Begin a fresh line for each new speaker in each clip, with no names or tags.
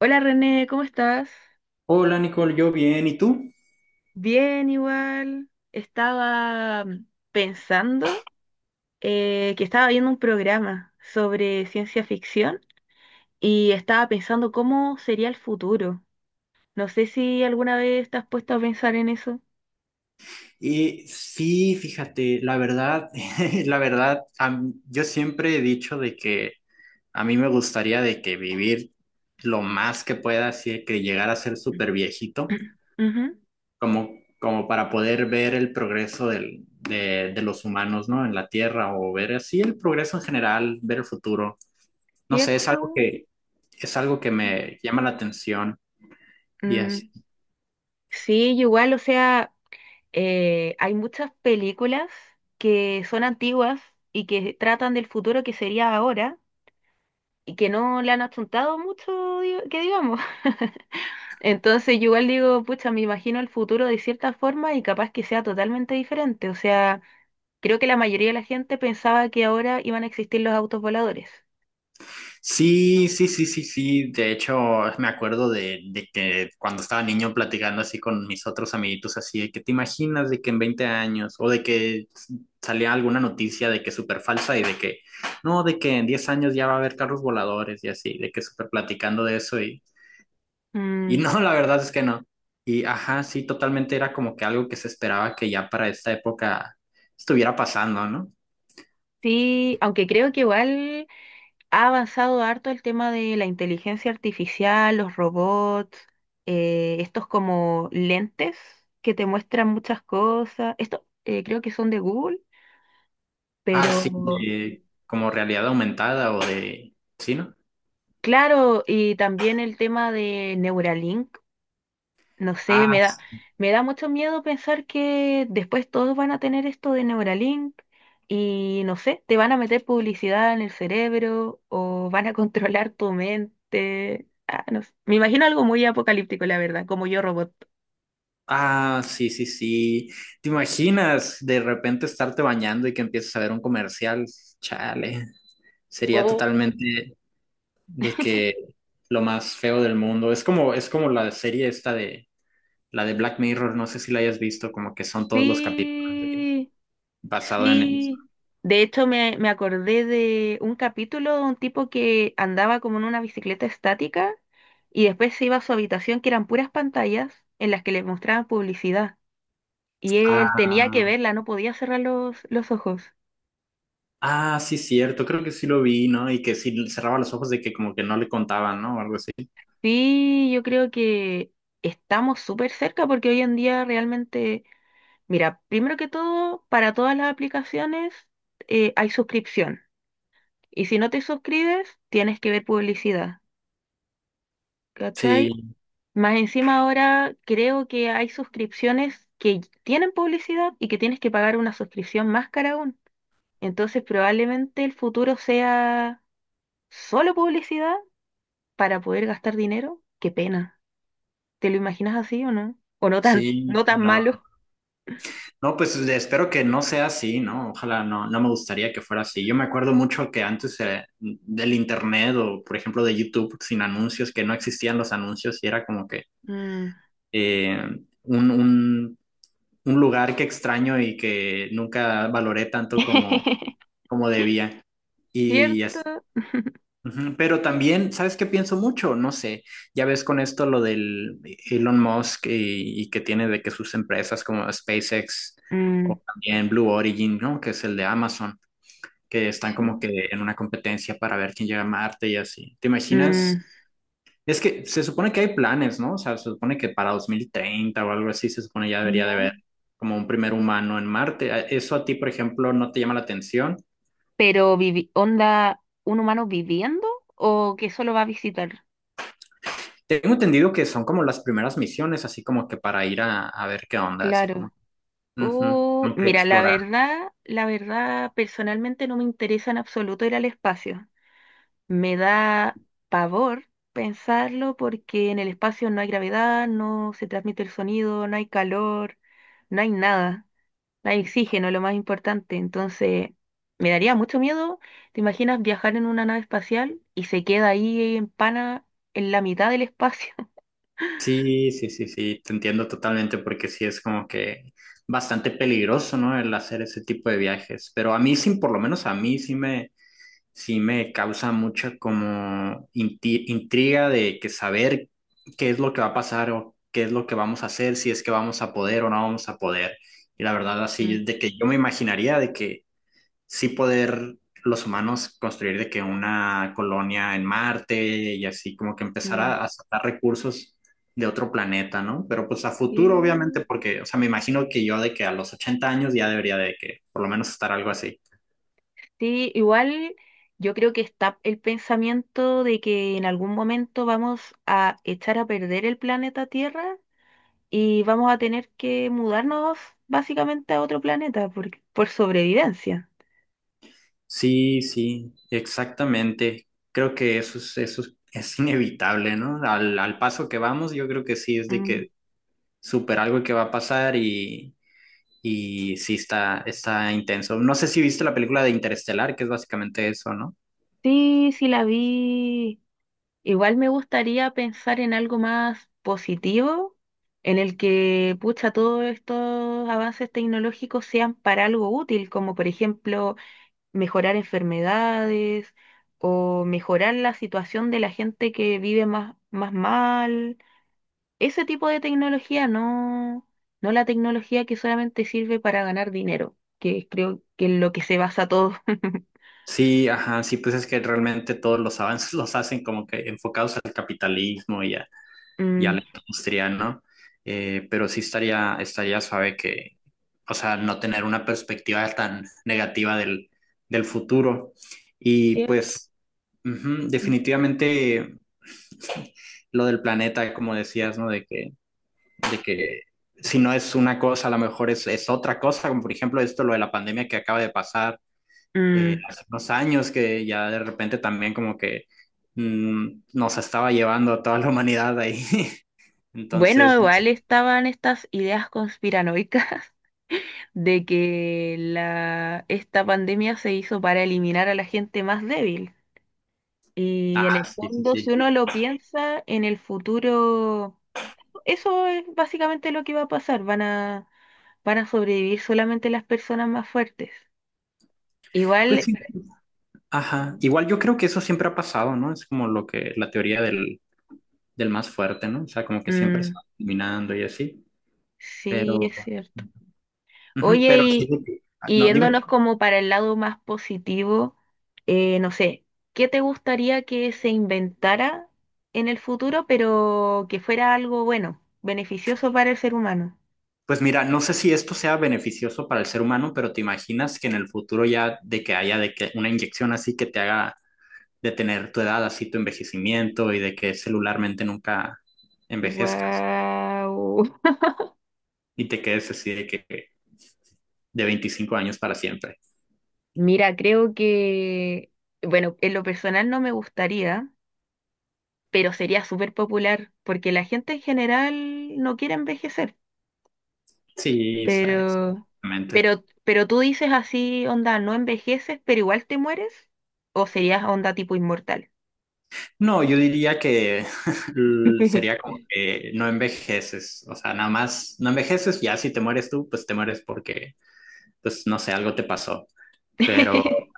Hola René, ¿cómo estás?
Hola Nicole, yo bien, ¿y tú?
Bien, igual. Estaba pensando que estaba viendo un programa sobre ciencia ficción y estaba pensando cómo sería el futuro. No sé si alguna vez te has puesto a pensar en eso.
Sí, fíjate, la verdad, la verdad, yo siempre he dicho de que a mí me gustaría de que vivir lo más que pueda, así de que llegar a ser súper
Ujú.
viejito,
Ujú.
como, como para poder ver el progreso de los humanos, ¿no? En la Tierra o ver así el progreso en general, ver el futuro. No sé,
¿Cierto?
es algo que
Mm,
me llama la atención y.
mm, sí, yo igual, o sea, hay muchas películas que son antiguas y que tratan del futuro que sería ahora y que no le han achuntado mucho, que digamos. Entonces yo igual digo, pucha, me imagino el futuro de cierta forma y capaz que sea totalmente diferente. O sea, creo que la mayoría de la gente pensaba que ahora iban a existir los autos voladores.
Sí, sí, sí, sí, sí. De hecho, me acuerdo de que cuando estaba niño platicando así con mis otros amiguitos, así de que te imaginas de que en 20 años o de que salía alguna noticia de que súper falsa y de que no, de que en 10 años ya va a haber carros voladores y así, de que súper platicando de eso y
Mm,
no, la verdad es que no. Y ajá, sí, totalmente era como que algo que se esperaba que ya para esta época estuviera pasando, ¿no?
sí, aunque creo que igual ha avanzado harto el tema de la inteligencia artificial, los robots, estos como lentes que te muestran muchas cosas. Esto creo que son de Google,
Ah,
pero
sí, como realidad aumentada o de sí, ¿no?
claro, y también el tema de Neuralink, no sé,
Ah, s-
me da mucho miedo pensar que después todos van a tener esto de Neuralink y no sé, te van a meter publicidad en el cerebro o van a controlar tu mente. Ah, no sé. Me imagino algo muy apocalíptico, la verdad, como yo robot.
ah, sí, sí, sí. ¿Te imaginas de repente estarte bañando y que empieces a ver un comercial? Chale. Sería
Oh,
totalmente de que lo más feo del mundo. Es como la serie esta de la de Black Mirror, no sé si la hayas visto, como que son todos los
sí,
basado en eso.
sí, de hecho me acordé de un capítulo de un tipo que andaba como en una bicicleta estática y después se iba a su habitación que eran puras pantallas en las que le mostraban publicidad y él
Ah,
tenía que verla, no podía cerrar los ojos.
ah, sí, cierto, creo que sí lo vi, ¿no? Y que si cerraba los ojos de que como que no le contaban, ¿no? O algo así.
Sí, yo creo que estamos súper cerca porque hoy en día realmente, mira, primero que todo, para todas las aplicaciones hay suscripción y si no te suscribes tienes que ver publicidad. ¿Cachai?
Sí,
Más encima ahora creo que hay suscripciones que tienen publicidad y que tienes que pagar una suscripción más cara aún. Entonces probablemente el futuro sea solo publicidad para poder gastar dinero. Qué pena. ¿Te lo imaginas así o no? O
sí,
no tan
no.
malo.
No, espero que no sea así, ¿no? Ojalá no, no me gustaría que fuera así. Yo me acuerdo mucho que antes del internet o, por ejemplo, de YouTube sin anuncios, que no existían los anuncios y era como que
Mm.
eh, un, un- un lugar que extraño y que nunca valoré tanto como debía. Y así
¿Cierto?
ujú. Pero también, ¿sabes qué pienso mucho? No sé, ya ves con esto lo del Elon Musk y que tiene de que sus empresas como SpaceX
Mm,
o también Blue Origin, ¿no? Que es el de Amazon, que están como
sí.
que en una competencia para ver quién llega a Marte y así. ¿Te
Mm.
imaginas? Es que se supone que hay planes, ¿no? O sea, se supone que para 2030 o algo así se supone ya debería de
Ya.
haber como un primer humano en Marte. ¿Eso a ti, por ejemplo, no te llama la atención?
Pero onda, ¿un humano viviendo o que solo va a visitar?
Tengo entendido que son como las primeras misiones, así como que para ir a ver qué onda, así como,
Claro.
ujú, como que
Mira,
explorar.
la verdad, personalmente no me interesa en absoluto ir al espacio. Me da pavor pensarlo porque en el espacio no hay gravedad, no se transmite el sonido, no hay calor, no hay nada, no hay oxígeno, lo más importante. Entonces, me daría mucho miedo. ¿Te imaginas viajar en una nave espacial y se queda ahí en pana en la mitad del espacio?
Sí, sí, sí, sí, te entiendo totalmente porque sí es como que bastante peligroso, ¿no? El hacer ese tipo de viajes, pero a mí sí, por lo menos a mí sí me causa mucha como intriga de que saber qué es lo que va a pasar o qué es lo que vamos a hacer, si es que vamos a poder o no vamos a poder. Y la verdad así
Mm,
es de que yo me imaginaría de que sí poder los humanos construir de que una colonia en Marte y así como que empezar
mm.
a sacar recursos de otro planeta, ¿no? Pero pues a futuro,
Sí,
obviamente, porque, o sea, me imagino que yo de que a los 80 años ya debería de que por lo menos estar algo así.
sí, igual yo creo que está el pensamiento de que en algún momento vamos a echar a perder el planeta Tierra y vamos a tener que mudarnos básicamente a otro planeta por sobrevivencia.
Sí, sí, exactamente. Creo que eso es inevitable, ¿no? Al paso que vamos, yo creo que sí es de
Mm,
que super algo que va a pasar y. Y sí, está intenso. No sé si viste la película de Interestelar, que es básicamente eso, ¿no?
sí, sí la vi. Igual me gustaría pensar en algo más positivo, en el que, pucha, todos estos avances tecnológicos sean para algo útil, como por ejemplo mejorar enfermedades o mejorar la situación de la gente que vive más mal. Ese tipo de tecnología, no, no la tecnología que solamente sirve para ganar dinero, que creo que es lo que se basa todo.
Sí, ajá, sí, pues es que realmente todos los avances los hacen como que enfocados al capitalismo y a la
Mm,
industria, ¿no? Pero sí estaría suave que, o sea, no tener una perspectiva tan negativa del futuro. Y
cierto.
pues, ujú, definitivamente lo del planeta, como decías, ¿no? De que si no es una cosa, a lo mejor es otra cosa, como por ejemplo esto, lo de la pandemia que acaba de pasar
Mm.
hace unos años, que ya de repente también como que mm, nos estaba llevando a toda la humanidad ahí.
Bueno,
Entonces, no
igual estaban estas ideas conspiranoicas de que esta pandemia se hizo para eliminar a la gente más débil.
ah,
Y en el
sí, sí,
fondo, si
sí.
uno lo piensa, en el futuro, eso es básicamente lo que va a pasar. Van a sobrevivir solamente las personas más fuertes.
Pues
Igual,
sí, ajá. Igual yo creo que eso siempre ha pasado, ¿no? Es como lo que, la teoría del más fuerte, ¿no? O sea, como que siempre se
mm,
va eliminando y así.
sí,
Pero,
es cierto.
ujú,
Oye,
pero sí, sí, sí. Ah,
y
no, dime.
yéndonos como para el lado más positivo, no sé, ¿qué te gustaría que se inventara en el futuro, pero que fuera algo bueno, beneficioso para el ser humano?
Pues mira, no sé si esto sea beneficioso para el ser humano, pero te imaginas que en el futuro ya de que haya de que una inyección así que te haga detener tu edad, así tu envejecimiento y de que celularmente nunca envejezcas
Wow.
y te quedes así de que de 25 años para siempre.
Mira, creo que, bueno, en lo personal no me gustaría, pero sería súper popular, porque la gente en general no quiere envejecer,
Sí, sabes,
pero,
exactamente.
pero tú dices así, onda, no envejeces, pero igual te mueres, o serías onda tipo inmortal.
No, yo diría que sería como que no envejeces, o sea, nada más no envejeces, ya si te mueres tú, pues te mueres porque, pues no sé, algo te pasó. Pero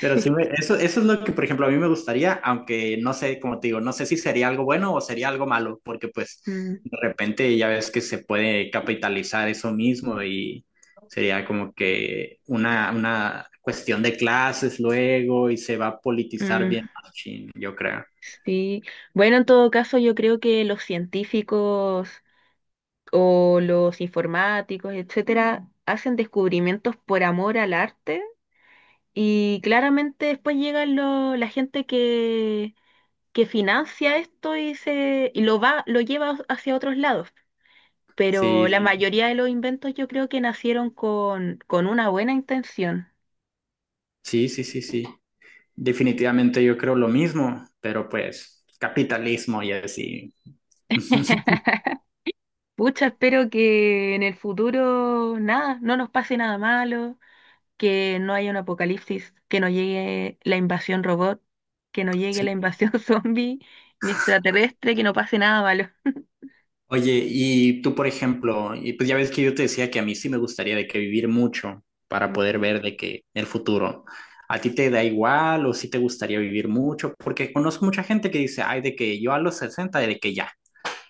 Pero sí, eso, eso es lo que, por ejemplo, a mí me gustaría, aunque no sé, como te digo, no sé si sería algo bueno o sería algo malo, porque pues
Mm,
de repente ya ves que se puede capitalizar eso mismo y sería como que una cuestión de clases luego y se va a politizar
mm,
bien, machín, yo creo.
sí. Bueno, en todo caso, yo creo que los científicos o los informáticos, etcétera, hacen descubrimientos por amor al arte, y claramente después llega la gente que financia esto y lo va, lo lleva hacia otros lados. Pero la,
Sí,
sí, mayoría de los inventos yo creo que nacieron con una buena intención.
sí, sí, sí, sí. Definitivamente yo creo lo mismo, pero pues capitalismo y así.
Pucha, espero que en el futuro nada, no nos pase nada malo, que no haya un apocalipsis, que no llegue la invasión robot, que no llegue la
Sí,
invasión zombie, ni extraterrestre, que no pase nada malo.
oye, y tú, por ejemplo, y pues ya ves que yo te decía que a mí sí me gustaría de que vivir mucho para poder
Ujú.
ver de que el futuro. ¿A ti te da igual o sí te gustaría vivir mucho? Porque conozco mucha gente que dice, ay, de que yo a los 60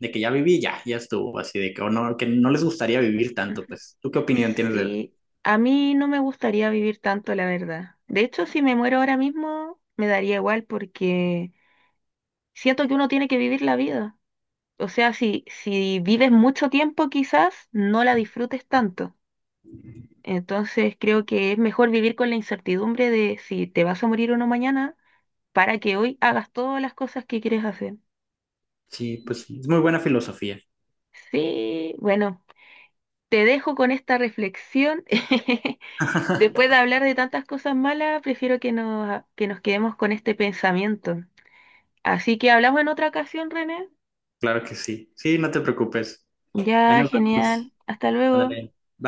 de que ya viví, ya, ya estuvo, así de que, o no, que no les gustaría vivir tanto, pues. ¿Tú qué opinión tienes de eso?
Sí, a mí no me gustaría vivir tanto, la verdad. De hecho, si me muero ahora mismo, me daría igual porque siento que uno tiene que vivir la vida. O sea, si, si vives mucho tiempo, quizás no la disfrutes tanto. Entonces, creo que es mejor vivir con la incertidumbre de si te vas a morir o no mañana para que hoy hagas todas las cosas que quieres hacer.
Sí, pues es muy buena filosofía.
Sí, bueno, te dejo con esta reflexión. Después de hablar de tantas cosas malas, prefiero que nos quedemos con este pensamiento. Así que hablamos en otra ocasión, René.
Claro que sí. Sí, no te preocupes. Ahí
Ya,
nos vemos.
genial. Hasta luego.
Ándale. Bye.